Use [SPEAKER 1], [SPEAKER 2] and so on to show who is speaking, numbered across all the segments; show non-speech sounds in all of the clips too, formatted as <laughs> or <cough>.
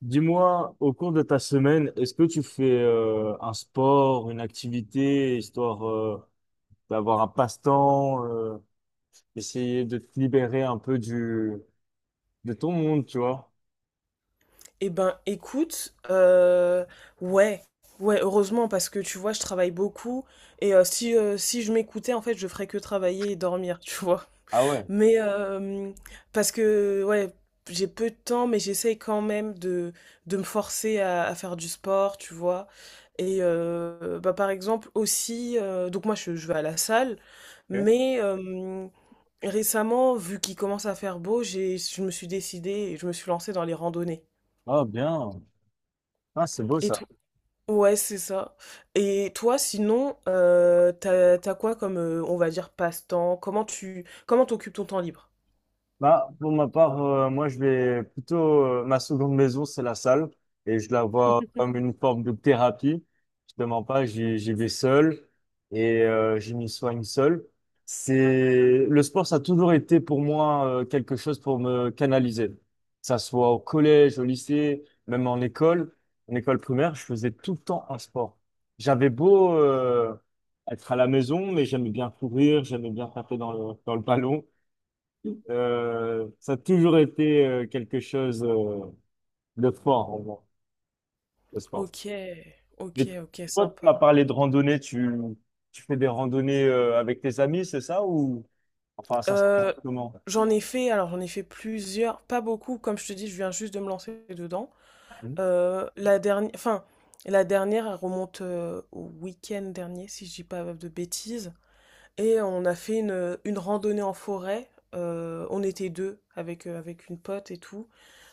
[SPEAKER 1] Dis-moi, au cours de ta semaine, est-ce que tu fais un sport, une activité, histoire d'avoir un passe-temps, essayer de te libérer un peu du de ton monde, tu vois?
[SPEAKER 2] Eh ben, écoute, ouais, ouais, heureusement parce que tu vois, je travaille beaucoup et si je m'écoutais, en fait, je ferais que travailler et dormir, tu vois.
[SPEAKER 1] Ah ouais.
[SPEAKER 2] Mais parce que ouais, j'ai peu de temps, mais j'essaye quand même de me forcer à faire du sport, tu vois. Et bah par exemple aussi, donc moi je vais à la salle,
[SPEAKER 1] Ok.
[SPEAKER 2] mais récemment, vu qu'il commence à faire beau, j'ai je me suis décidée et je me suis lancée dans les randonnées.
[SPEAKER 1] Ah bien. Ah, c'est beau
[SPEAKER 2] Et
[SPEAKER 1] ça.
[SPEAKER 2] Ouais, c'est ça. Et toi, sinon, t'as quoi comme, on va dire, passe-temps? Comment t'occupes ton temps libre?
[SPEAKER 1] Bah, pour ma part, moi, je vais plutôt, ma seconde maison, c'est la salle, et je la vois comme une forme de thérapie. Je te mens pas, j'y vais seul, et je m'y soigne seul. C'est, le sport, ça a toujours été pour moi quelque chose pour me canaliser. Que ça soit au collège, au lycée, même en école primaire, je faisais tout le temps un sport. J'avais beau être à la maison, mais j'aimais bien courir, j'aimais bien taper dans le ballon. Ça a toujours été quelque chose de fort en moi, le sport.
[SPEAKER 2] OK, OK,
[SPEAKER 1] Mais
[SPEAKER 2] OK,
[SPEAKER 1] toi, tu
[SPEAKER 2] sympa.
[SPEAKER 1] m'as parlé de randonnée, tu fais des randonnées avec tes amis, c'est ça ou enfin ça se passe
[SPEAKER 2] Euh,
[SPEAKER 1] comment?
[SPEAKER 2] alors j'en ai fait plusieurs, pas beaucoup, comme je te dis, je viens juste de me lancer dedans.
[SPEAKER 1] Hmm,
[SPEAKER 2] Euh, la dernière, enfin, la dernière, elle remonte au week-end dernier, si je dis pas de bêtises. Et on a fait une randonnée en forêt. On était deux avec une pote et tout.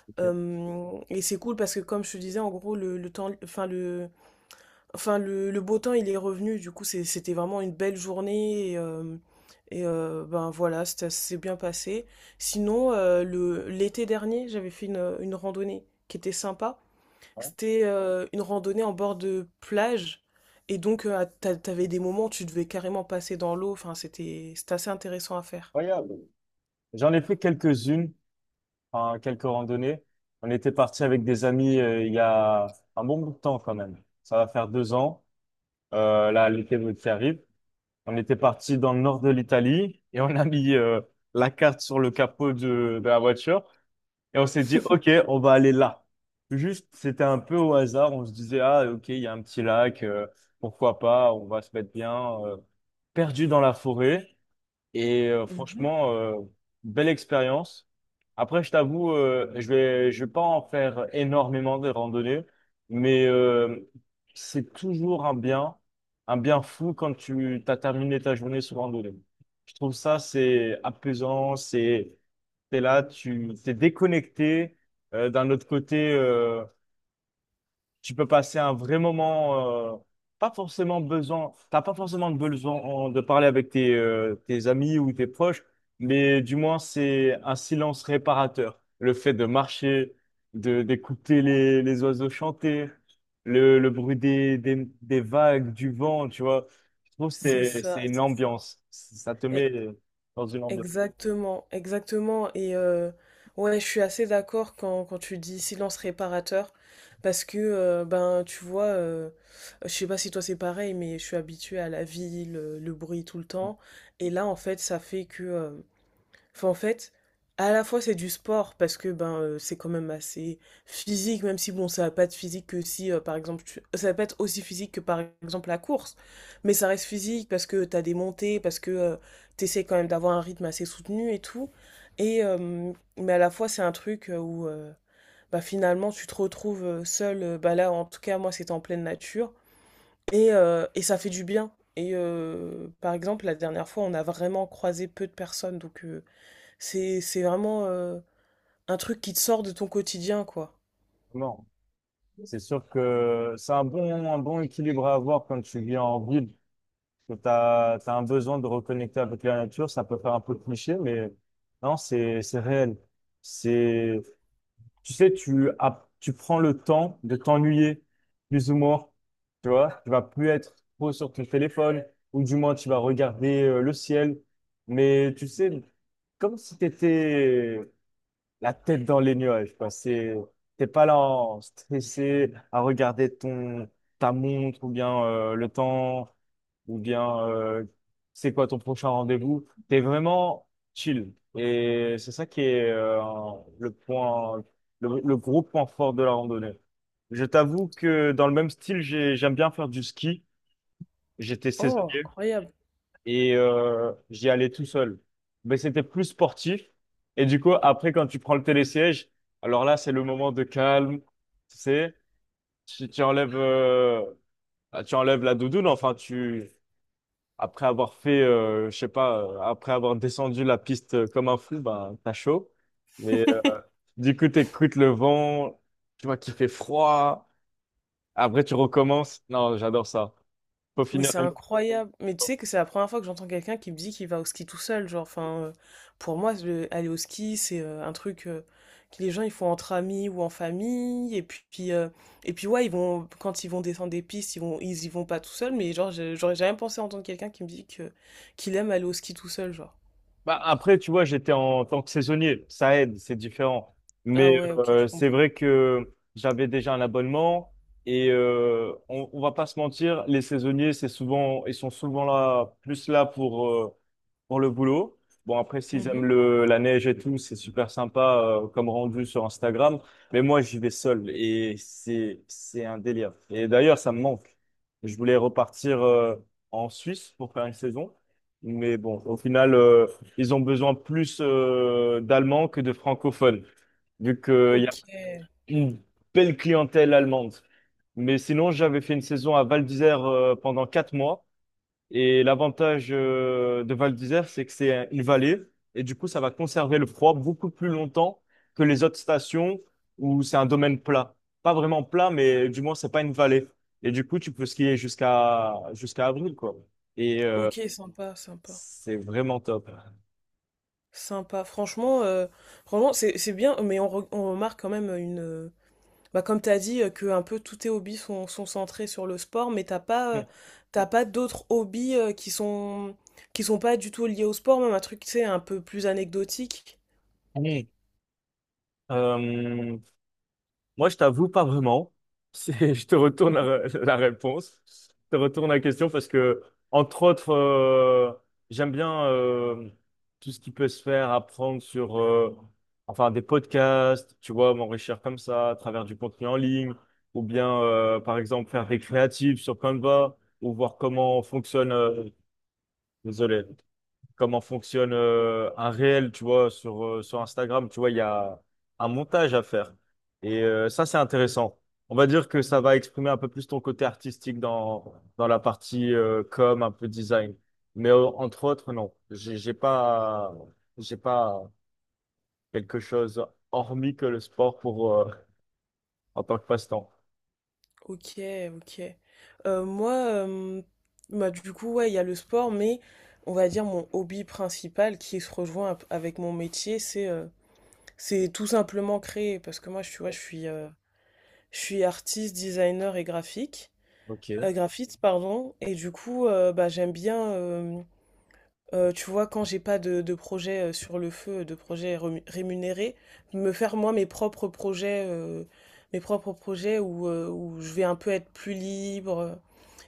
[SPEAKER 1] ok.
[SPEAKER 2] Et c'est cool parce que comme je te disais, en gros, le temps, enfin le beau temps, il est revenu. Du coup, c'était vraiment une belle journée. Et ben voilà, ça s'est bien passé. Sinon, l'été dernier, j'avais fait une randonnée qui était sympa. C'était une randonnée en bord de plage. Et donc, t'avais des moments où tu devais carrément passer dans l'eau. Enfin, c'était assez intéressant à faire.
[SPEAKER 1] Incroyable. J'en ai fait quelques-unes, enfin, quelques randonnées. On était parti avec des amis il y a un bon bout de temps quand même. Ça va faire 2 ans, là l'été qui arrive. On était parti dans le nord de l'Italie et on a mis la carte sur le capot de la voiture et on s'est dit, OK,
[SPEAKER 2] <laughs>
[SPEAKER 1] on va aller là. Juste, c'était un peu au hasard. On se disait, ah, OK, il y a un petit lac, pourquoi pas, on va se mettre bien euh, perdu dans la forêt. Et
[SPEAKER 2] Mmh.
[SPEAKER 1] franchement, belle expérience. Après, je t'avoue, je vais pas en faire énormément de randonnées, mais c'est toujours un bien fou quand tu as terminé ta journée sur randonnée. Je trouve ça, c'est apaisant, c'est, t'es là, tu t'es déconnecté. D'un autre côté, tu peux passer un vrai moment, pas forcément besoin, t'as pas forcément besoin de parler avec tes amis ou tes proches, mais du moins c'est un silence réparateur. Le fait de marcher, de d'écouter les oiseaux chanter, le bruit des vagues, du vent, tu vois. Je trouve que
[SPEAKER 2] C'est
[SPEAKER 1] c'est
[SPEAKER 2] ça,
[SPEAKER 1] une
[SPEAKER 2] c'est ça.
[SPEAKER 1] ambiance. Ça te
[SPEAKER 2] E
[SPEAKER 1] met dans une ambiance.
[SPEAKER 2] Exactement, exactement, et ouais, je suis assez d'accord quand tu dis: «Silence réparateur», parce que, ben, tu vois, je sais pas si toi c'est pareil, mais je suis habituée à la ville, le bruit tout le temps, et là, en fait, ça fait que. Enfin, en fait, à la fois c'est du sport parce que ben c'est quand même assez physique, même si bon ça va pas être physique que si par exemple ça va pas être aussi physique que par exemple la course, mais ça reste physique parce que t'as des montées, parce que tu t'essaies quand même d'avoir un rythme assez soutenu et tout. Et mais à la fois c'est un truc où bah, finalement tu te retrouves seul. Bah là en tout cas moi c'était en pleine nature, et ça fait du bien. Et par exemple la dernière fois on a vraiment croisé peu de personnes. Donc c'est vraiment, un truc qui te sort de ton quotidien, quoi.
[SPEAKER 1] Non, c'est sûr que c'est un bon équilibre à avoir quand tu vis en ville. Tu as, un besoin de reconnecter avec la nature, ça peut faire un peu cliché, mais non, c'est réel. C'est, tu sais, tu prends le temps de t'ennuyer, plus ou moins. Tu vois, tu vas plus être trop sur ton téléphone, ou du moins tu vas regarder le ciel. Mais tu sais, comme si tu étais la tête dans les nuages, quoi. C'est, t'es pas là en stressé à regarder ta montre ou bien le temps ou bien c'est quoi ton prochain rendez-vous. T'es vraiment chill. Et c'est ça qui est le point, le gros point fort de la randonnée. Je t'avoue que dans le même style, j'aime bien faire du ski. J'étais
[SPEAKER 2] Oh,
[SPEAKER 1] saisonnier
[SPEAKER 2] incroyable!
[SPEAKER 1] et j'y allais tout seul. Mais c'était plus sportif. Et du coup, après, quand tu prends le télésiège, alors là, c'est le moment de calme. Tu sais, tu enlèves, tu enlèves la doudoune. Enfin, tu, après avoir fait, je sais pas, après avoir descendu la piste comme un fou, ben, t'as chaud. Mais
[SPEAKER 2] <laughs>
[SPEAKER 1] du coup, t'écoutes le vent, tu vois qu'il fait froid. Après, tu recommences. Non, j'adore ça. Faut
[SPEAKER 2] Mais
[SPEAKER 1] finir.
[SPEAKER 2] c'est incroyable! Mais tu sais que c'est la première fois que j'entends quelqu'un qui me dit qu'il va au ski tout seul, genre, enfin, pour moi, le aller au ski, c'est, un truc, que les gens, ils font entre amis ou en famille, et puis, ouais, ils vont quand ils vont descendre des pistes, ils y vont pas tout seuls, mais genre, je j'aurais jamais pensé entendre quelqu'un qui me dit que qu'il aime aller au ski tout seul, genre.
[SPEAKER 1] Bah, après, tu vois, j'étais en tant que saisonnier, ça aide, c'est différent.
[SPEAKER 2] Ah
[SPEAKER 1] Mais
[SPEAKER 2] ouais, OK, je
[SPEAKER 1] c'est
[SPEAKER 2] comprends.
[SPEAKER 1] vrai que j'avais déjà un abonnement et on va pas se mentir, les saisonniers, c'est souvent, ils sont souvent là, plus là pour le boulot. Bon, après, s'ils aiment
[SPEAKER 2] Mmh.
[SPEAKER 1] la neige et tout, c'est super sympa comme rendu sur Instagram. Mais moi, j'y vais seul et c'est un délire. Et d'ailleurs, ça me manque. Je voulais repartir en Suisse pour faire une saison. Mais bon, au final, ils ont besoin plus d'Allemands que de francophones, vu qu'il y a
[SPEAKER 2] OK.
[SPEAKER 1] une belle clientèle allemande. Mais sinon, j'avais fait une saison à Val d'Isère pendant 4 mois. Et l'avantage de Val d'Isère, c'est que une vallée et du coup, ça va conserver le froid beaucoup plus longtemps que les autres stations où c'est un domaine plat. Pas vraiment plat, mais du moins, c'est pas une vallée. Et du coup, tu peux skier jusqu'à avril, quoi. Et
[SPEAKER 2] OK, sympa, sympa.
[SPEAKER 1] c'est vraiment top.
[SPEAKER 2] Sympa. Franchement c'est bien, mais on remarque quand même une. Bah, comme tu as dit, que un peu tous tes hobbies sont centrés sur le sport, mais t'as pas d'autres hobbies qui sont pas du tout liés au sport, même un truc, tu sais, un peu plus anecdotique.
[SPEAKER 1] Mmh. Euh, moi, je t'avoue pas vraiment. C'est- <laughs> Je te retourne la réponse. Je te retourne la question parce que, entre autres, j'aime bien tout ce qui peut se faire, apprendre sur enfin, des podcasts, tu vois, m'enrichir comme ça à travers du contenu en ligne, ou bien, par exemple, faire des créatives sur Canva, ou voir comment fonctionne, désolé, comment fonctionne un réel, tu vois, sur Instagram. Tu vois, il y a un montage à faire. Et ça, c'est intéressant. On va dire que ça va exprimer un peu plus ton côté artistique dans la partie com, un peu design. Mais entre autres, non. J'ai pas quelque chose hormis que le sport pour, en tant que passe-temps.
[SPEAKER 2] OK, OK. Moi, bah, du coup, ouais, il y a le sport, mais on va dire mon hobby principal qui se rejoint avec mon métier, c'est tout simplement créer. Parce que moi, tu vois, je suis artiste, designer et graphique,
[SPEAKER 1] Ok,
[SPEAKER 2] graphiste, pardon. Et du coup, bah, j'aime bien tu vois, quand j'ai pas de projet sur le feu, de projet rémunéré, me faire moi mes propres projets où je vais un peu être plus libre.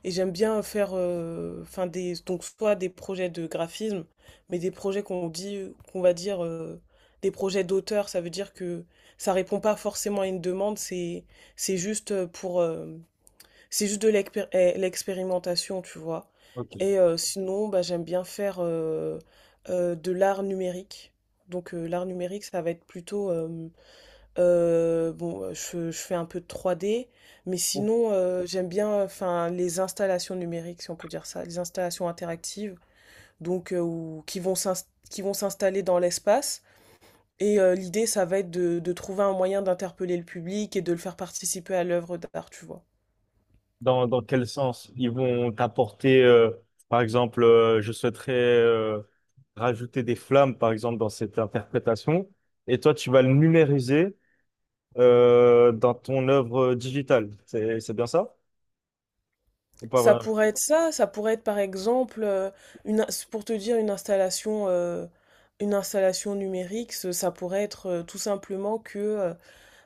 [SPEAKER 2] Et j'aime bien faire, enfin donc soit des projets de graphisme, mais des projets qu'on va dire, des projets d'auteur. Ça veut dire que ça répond pas forcément à une demande. C'est c'est juste de l'expérimentation, tu vois.
[SPEAKER 1] ok.
[SPEAKER 2] Et sinon, bah, j'aime bien faire de l'art numérique. Donc l'art numérique, ça va être plutôt, bon, je fais un peu de 3D, mais sinon, j'aime bien, enfin, les installations numériques, si on peut dire ça, les installations interactives, donc qui vont s'installer dans l'espace. Et l'idée, ça va être de trouver un moyen d'interpeller le public et de le faire participer à l'œuvre d'art, tu vois.
[SPEAKER 1] Dans, dans quel sens? Ils vont t'apporter, par exemple, je souhaiterais rajouter des flammes, par exemple, dans cette interprétation, et toi, tu vas le numériser dans ton œuvre digitale. C'est bien ça? Ou pas
[SPEAKER 2] Ça
[SPEAKER 1] vrai.
[SPEAKER 2] pourrait être ça, ça pourrait être par exemple, pour te dire une installation numérique, ça pourrait être tout simplement que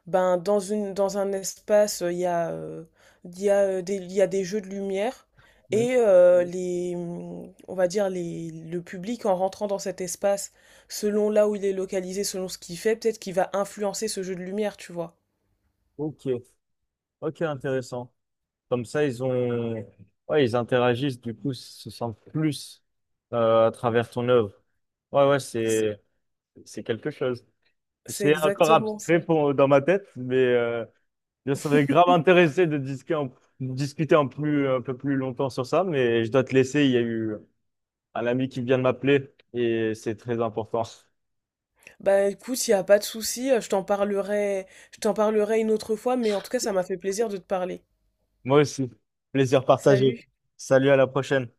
[SPEAKER 2] ben, dans dans un espace, il y a, des, il y a des jeux de lumière et les, on va dire les, le public en rentrant dans cet espace, selon là où il est localisé, selon ce qu'il fait, peut-être qu'il va influencer ce jeu de lumière, tu vois.
[SPEAKER 1] Ok, ok, intéressant. Comme ça, ils ont, ouais, ils interagissent, du coup, ils se sentent plus à travers ton œuvre. Ouais, ouais,
[SPEAKER 2] C'est
[SPEAKER 1] c'est quelque chose.
[SPEAKER 2] c'est
[SPEAKER 1] C'est encore
[SPEAKER 2] exactement ça.
[SPEAKER 1] abstrait pour, dans ma tête, mais je serais grave
[SPEAKER 2] <laughs>
[SPEAKER 1] intéressé de discuter en, discuter en plus, un peu plus longtemps sur ça, mais je dois te laisser. Il y a eu un ami qui vient de m'appeler et c'est très important.
[SPEAKER 2] Bah écoute, il n'y a pas de souci, je t'en parlerai une autre fois, mais en tout cas, ça m'a fait plaisir de te parler.
[SPEAKER 1] Moi aussi. Plaisir partagé.
[SPEAKER 2] Salut.
[SPEAKER 1] Salut, à la prochaine.